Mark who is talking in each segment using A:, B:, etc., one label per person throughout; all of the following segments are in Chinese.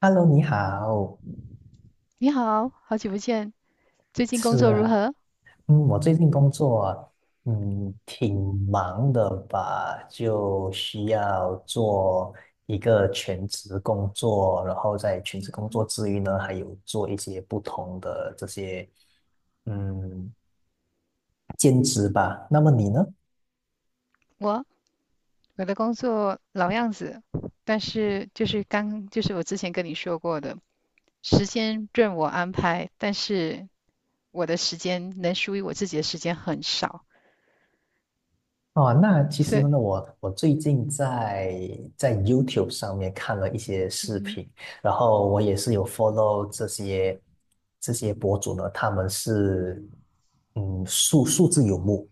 A: Hello，你好，
B: 你好，好久不见，最近工
A: 是
B: 作如
A: 啊，
B: 何？
A: 我最近工作，挺忙的吧，就需要做一个全职工作，然后在全职工作之余呢，还有做一些不同的这些，嗯，兼职吧。那么你呢？
B: 我我的工作老样子，但是就是刚就是我之前跟你说过的，时间任我安排，但是我的时间能属于我自己的时间很少，
A: 哦，那其
B: 所
A: 实
B: 以，
A: 呢，我最近在在 YouTube 上面看了一些
B: 嗯
A: 视
B: 哼
A: 频，然后我也是有 follow 这些博主呢，他们是数字游牧，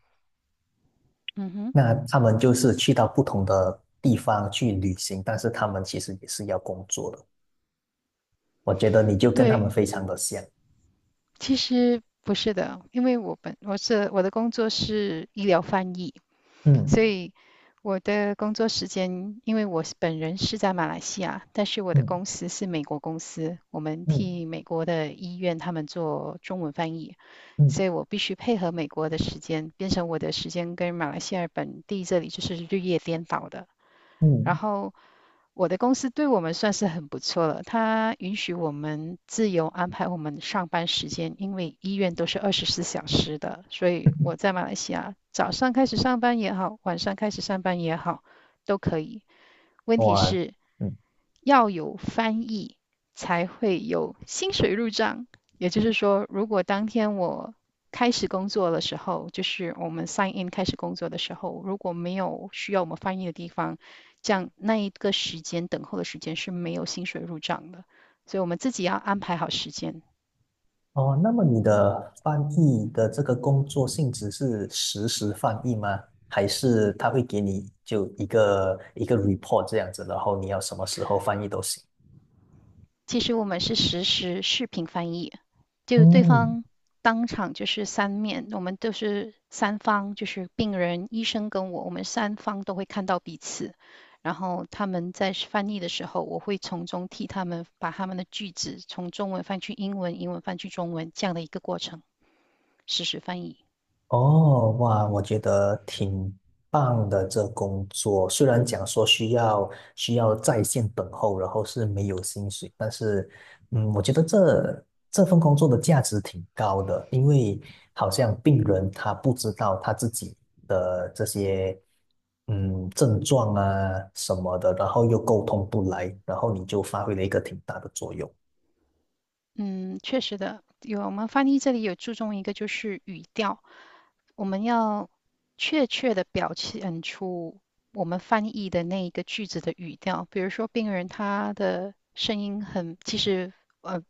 B: 嗯哼，
A: 那他们就是去到不同的地方去旅行，但是他们其实也是要工作的。我觉得你就跟他们
B: 对，
A: 非常的像，
B: 其实不是的，因为我的工作是医疗翻译，
A: 嗯
B: 所以我的工作时间，因为我本人是在马来西亚，但是我的
A: 嗯
B: 公司是美国公司，我们
A: 嗯
B: 替美国的医院他们做中文翻译，所
A: 嗯
B: 以我必须配合美国的时间，变成我的时间跟马来西亚本地这里就是日夜颠倒的。然
A: 嗯，
B: 后我的公司对我们算是很不错了，它允许我们自由安排我们上班时间，因为医院都是24小时的，所以我 在马来西亚早上开始上班也好，晚上开始上班也好，都可以。问题
A: 哇，
B: 是
A: 嗯。
B: 要有翻译才会有薪水入账。也就是说，如果当天我开始工作的时候，就是我们 sign in 开始工作的时候，如果没有需要我们翻译的地方，这样那一个时间等候的时间是没有薪水入账的。所以我们自己要安排好时间。
A: 哦，那么你的翻译的这个工作性质是实时翻译吗？还是他会给你就一个一个 report 这样子，然后你要什么时候翻译都行？
B: 其实我们是实时视频翻译。就对
A: 嗯，
B: 方当场就是三面，我们都是三方，就是病人、医生跟我，我们三方都会看到彼此。然后他们在翻译的时候，我会从中替他们把他们的句子从中文翻去英文，英文翻去中文这样的一个过程，实时翻译。
A: 哦，哇，我觉得挺棒的这工作，虽然讲说需要需要在线等候，然后是没有薪水，但是，我觉得这份工作的价值挺高的，因为好像病人他不知道他自己的这些症状啊什么的，然后又沟通不来，然后你就发挥了一个挺大的作用。
B: 嗯，确实的，有我们翻译这里有注重一个就是语调，我们要确切的表现出我们翻译的那一个句子的语调。比如说，病人他的声音很，其实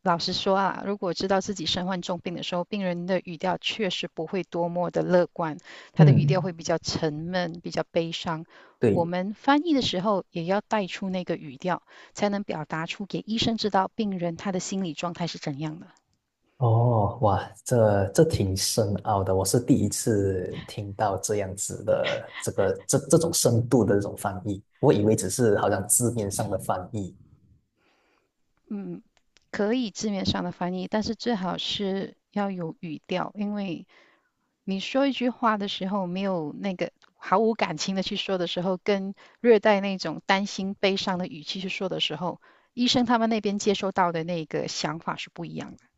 B: 老实说啊，如果知道自己身患重病的时候，病人的语调确实不会多么的乐观，他的语调
A: 嗯，
B: 会比较沉闷，比较悲伤。我
A: 对，
B: 们翻译的时候也要带出那个语调，才能表达出给医生知道病人他的心理状态是怎样的。
A: 哦，哇，这挺深奥的，我是第一次听到这样子的这个这种深度的这种翻译，我以为只是好像字面上的翻译。
B: 嗯，可以字面上的翻译，但是最好是要有语调，因为你说一句话的时候，没有那个毫无感情的去说的时候，跟略带那种担心、悲伤的语气去说的时候，医生他们那边接收到的那个想法是不一样的。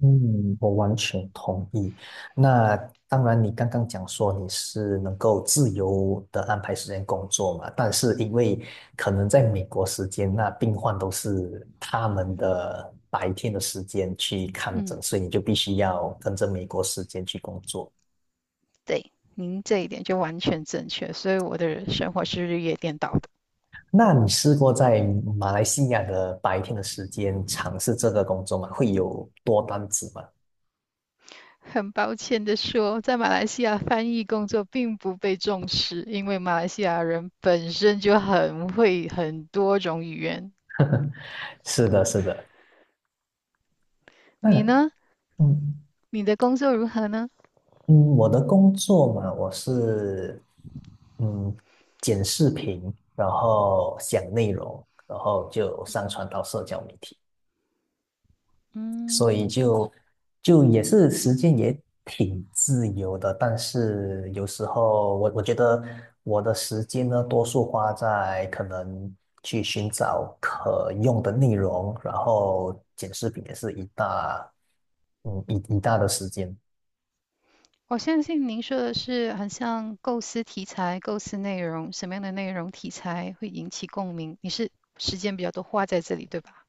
A: 嗯，我完全同意。那当然，你刚刚讲说你是能够自由的安排时间工作嘛，但是因为可能在美国时间，那病患都是他们的白天的时间去看诊，所以你就必须要跟着美国时间去工作。
B: 对，您这一点就完全正确，所以我的生活是日夜颠倒的。
A: 那你试过在马来西亚的白天的时间尝试这个工作吗？会有多单子吗？
B: 很抱歉的说，在马来西亚翻译工作并不被重视，因为马来西亚人本身就很会很多种语言，
A: 是的，是的。那
B: 你呢？
A: 嗯
B: 你的工作如何呢？
A: 嗯，我的工作嘛，我是嗯剪视频，然后讲内容，然后就上传到社交媒体。所以就就也是时间也挺自由的，但是有时候我觉得我的时间呢，多数花在可能去寻找可用的内容，然后剪视频也是一大一大的时间。
B: 我相信您说的是很像构思题材、构思内容，什么样的内容题材会引起共鸣？你是时间比较多花在这里，对吧？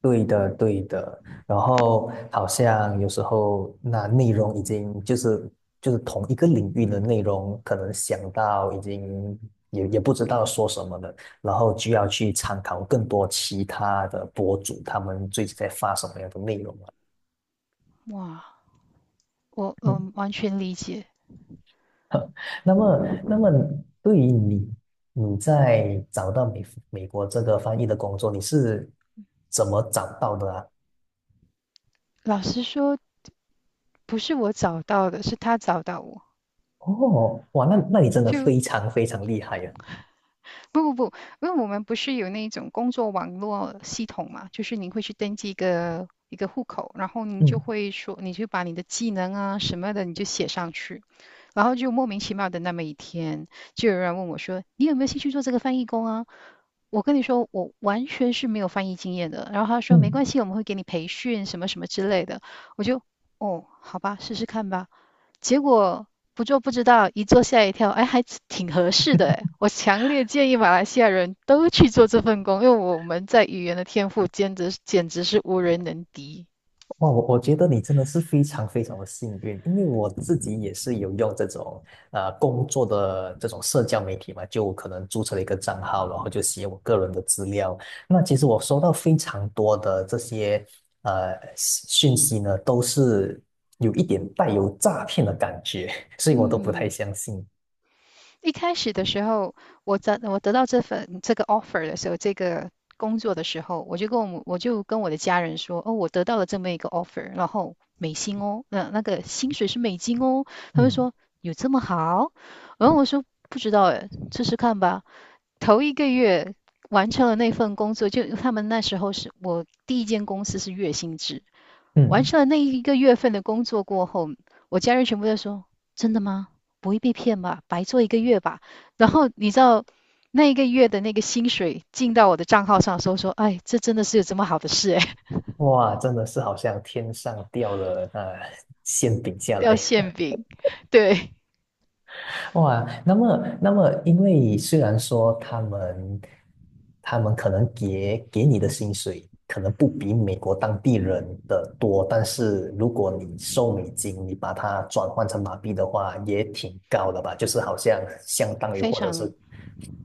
A: 对的，对的。然后好像有时候那内容已经就是就是同一个领域的内容，可能想到已经也也不知道说什么了，然后就要去参考更多其他的博主他们最近在发什么样的内容了。
B: 哇，我
A: 嗯，
B: 完全理解。
A: 那么那么对于你，你在找到美国这个翻译的工作，你是怎么找到的啊？
B: 老实说，不是我找到的，是他找到我。
A: 哦，哇，那那你真的
B: 就
A: 非常非常厉害呀、
B: 不不不，因为我们不是有那种工作网络系统嘛，就是您会去登记一个一个户口，然后您就
A: 嗯
B: 会说，你就把你的技能啊什么的，你就写上去。然后就莫名其妙的那么一天，就有人问我说：“你有没有兴趣做这个翻译工啊？”我跟你说，我完全是没有翻译经验的。然后他说：“没
A: 嗯，
B: 关系，我们会给你培训什么什么之类的。”我就哦，好吧，试试看吧。结果不做不知道，一做吓一跳，哎，还挺合适的哎。我强烈建议马来西亚人都去做这份工，因为我们在语言的天赋简直简直是无人能敌。
A: 哇，我觉得你真的是非常非常的幸运，因为我自己也是有用这种工作的这种社交媒体嘛，就可能注册了一个账号，然后就写我个人的资料。那其实我收到非常多的这些讯息呢，都是有一点带有诈骗的感觉，所以我都不太
B: 嗯，
A: 相信。
B: 一开始的时候，我得到这份这个 offer 的时候，这个工作的时候，我就跟我的家人说，哦，我得到了这么一个 offer，然后美金哦，那个薪水是美金哦，他们
A: 嗯
B: 说有这么好？然后我说不知道哎，试试看吧。头一个月完成了那份工作，就他们那时候是我第一间公司是月薪制，完
A: 嗯，
B: 成了那一个月份的工作过后，我家人全部在说：真的吗？不会被骗吧？白做一个月吧？然后你知道那一个月的那个薪水进到我的账号上的时候说：哎，这真的是有这么好的事哎，
A: 哇，真的是好像天上掉了那、馅饼 下来。
B: 掉馅饼，对，
A: 哇，那么，那么，因为虽然说他们，他们可能给你的薪水可能不比美国当地人的多，但是如果你收美金，你把它转换成马币的话，也挺高的吧？就是好像相当于
B: 非
A: 或者是
B: 常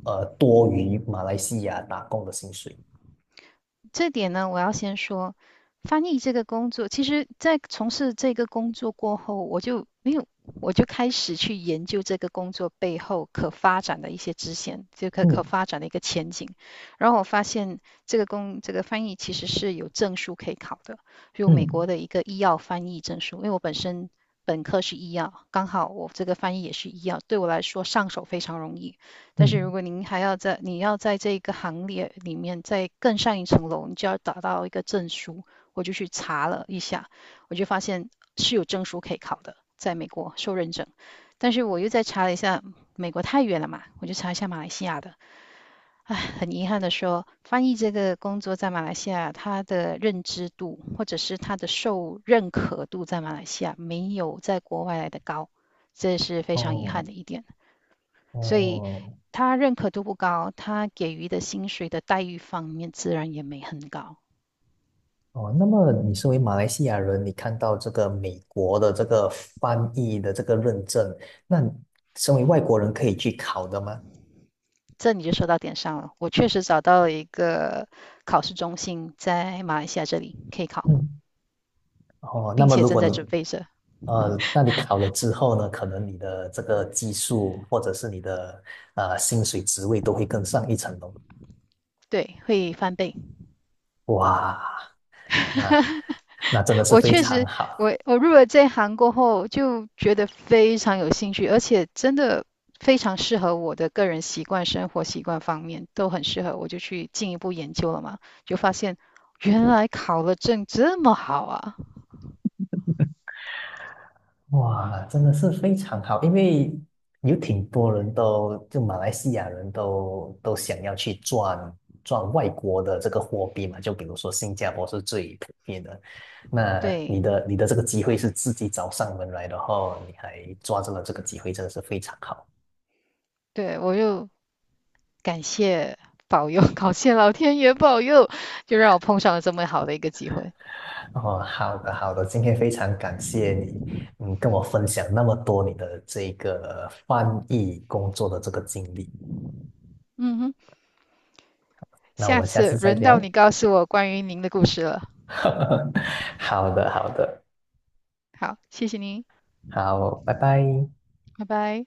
A: 多于马来西亚打工的薪水。
B: 这点呢，我要先说，翻译这个工作，其实，在从事这个工作过后，我就没有，我就开始去研究这个工作背后可发展的一些支线，就可
A: 嗯
B: 发展的一个前景。然后我发现，这个工这个翻译其实是有证书可以考的，有美
A: 嗯
B: 国的一个医药翻译证书。因为我本身本科是医药，刚好我这个翻译也是医药，对我来说上手非常容易。但是如
A: 嗯，
B: 果您还要在你要在这一个行列里面再更上一层楼，你就要达到一个证书。我就去查了一下，我就发现是有证书可以考的，在美国受认证。但是我又再查了一下，美国太远了嘛，我就查一下马来西亚的。唉，很遗憾的说，翻译这个工作在马来西亚，它的认知度或者是它的受认可度在马来西亚没有在国外来的高，这是非常遗
A: 哦
B: 憾的一点。所以
A: 哦，
B: 他认可度不高，他给予的薪水的待遇方面自然也没很高。
A: 哦，那么你身为马来西亚人，你看到这个美国的这个翻译的这个认证，那身为外国人可以去考的吗？
B: 这你就说到点上了。我确实找到了一个考试中心，在马来西亚这里可以考，
A: 嗯，哦，那
B: 并
A: 么
B: 且
A: 如
B: 正
A: 果
B: 在
A: 你
B: 准备着。
A: 那你考了之后呢，可能你的这个技术或者是你的薪水职位都会更上一层楼。
B: 对，会翻倍。
A: 哇，那那真的是
B: 我
A: 非
B: 确
A: 常
B: 实，
A: 好。
B: 我入了这行过后，就觉得非常有兴趣，而且真的非常适合我的个人习惯、生活习惯方面都很适合。我就去进一步研究了嘛，就发现原来考了证这么好啊！
A: 哇，真的是非常好，因为有挺多人都，就马来西亚人都想要去赚赚外国的这个货币嘛，就比如说新加坡是最普遍的。那
B: 对
A: 你的这个机会是自己找上门来，的后你还抓住了这个机会，真的是非常好。
B: 对，我又感谢保佑，感谢老天爷保佑，就让我碰上了这么好的一个机会。
A: 哦，好的好的，今天非常感谢你，嗯，跟我分享那么多你的这个翻译工作的这个经历。
B: 嗯哼，
A: 那我
B: 下
A: 们下
B: 次
A: 次再
B: 轮到
A: 聊。
B: 你告诉我关于您的故事了。
A: 好的，好的，
B: 好，谢谢您，
A: 好，拜拜。
B: 拜拜。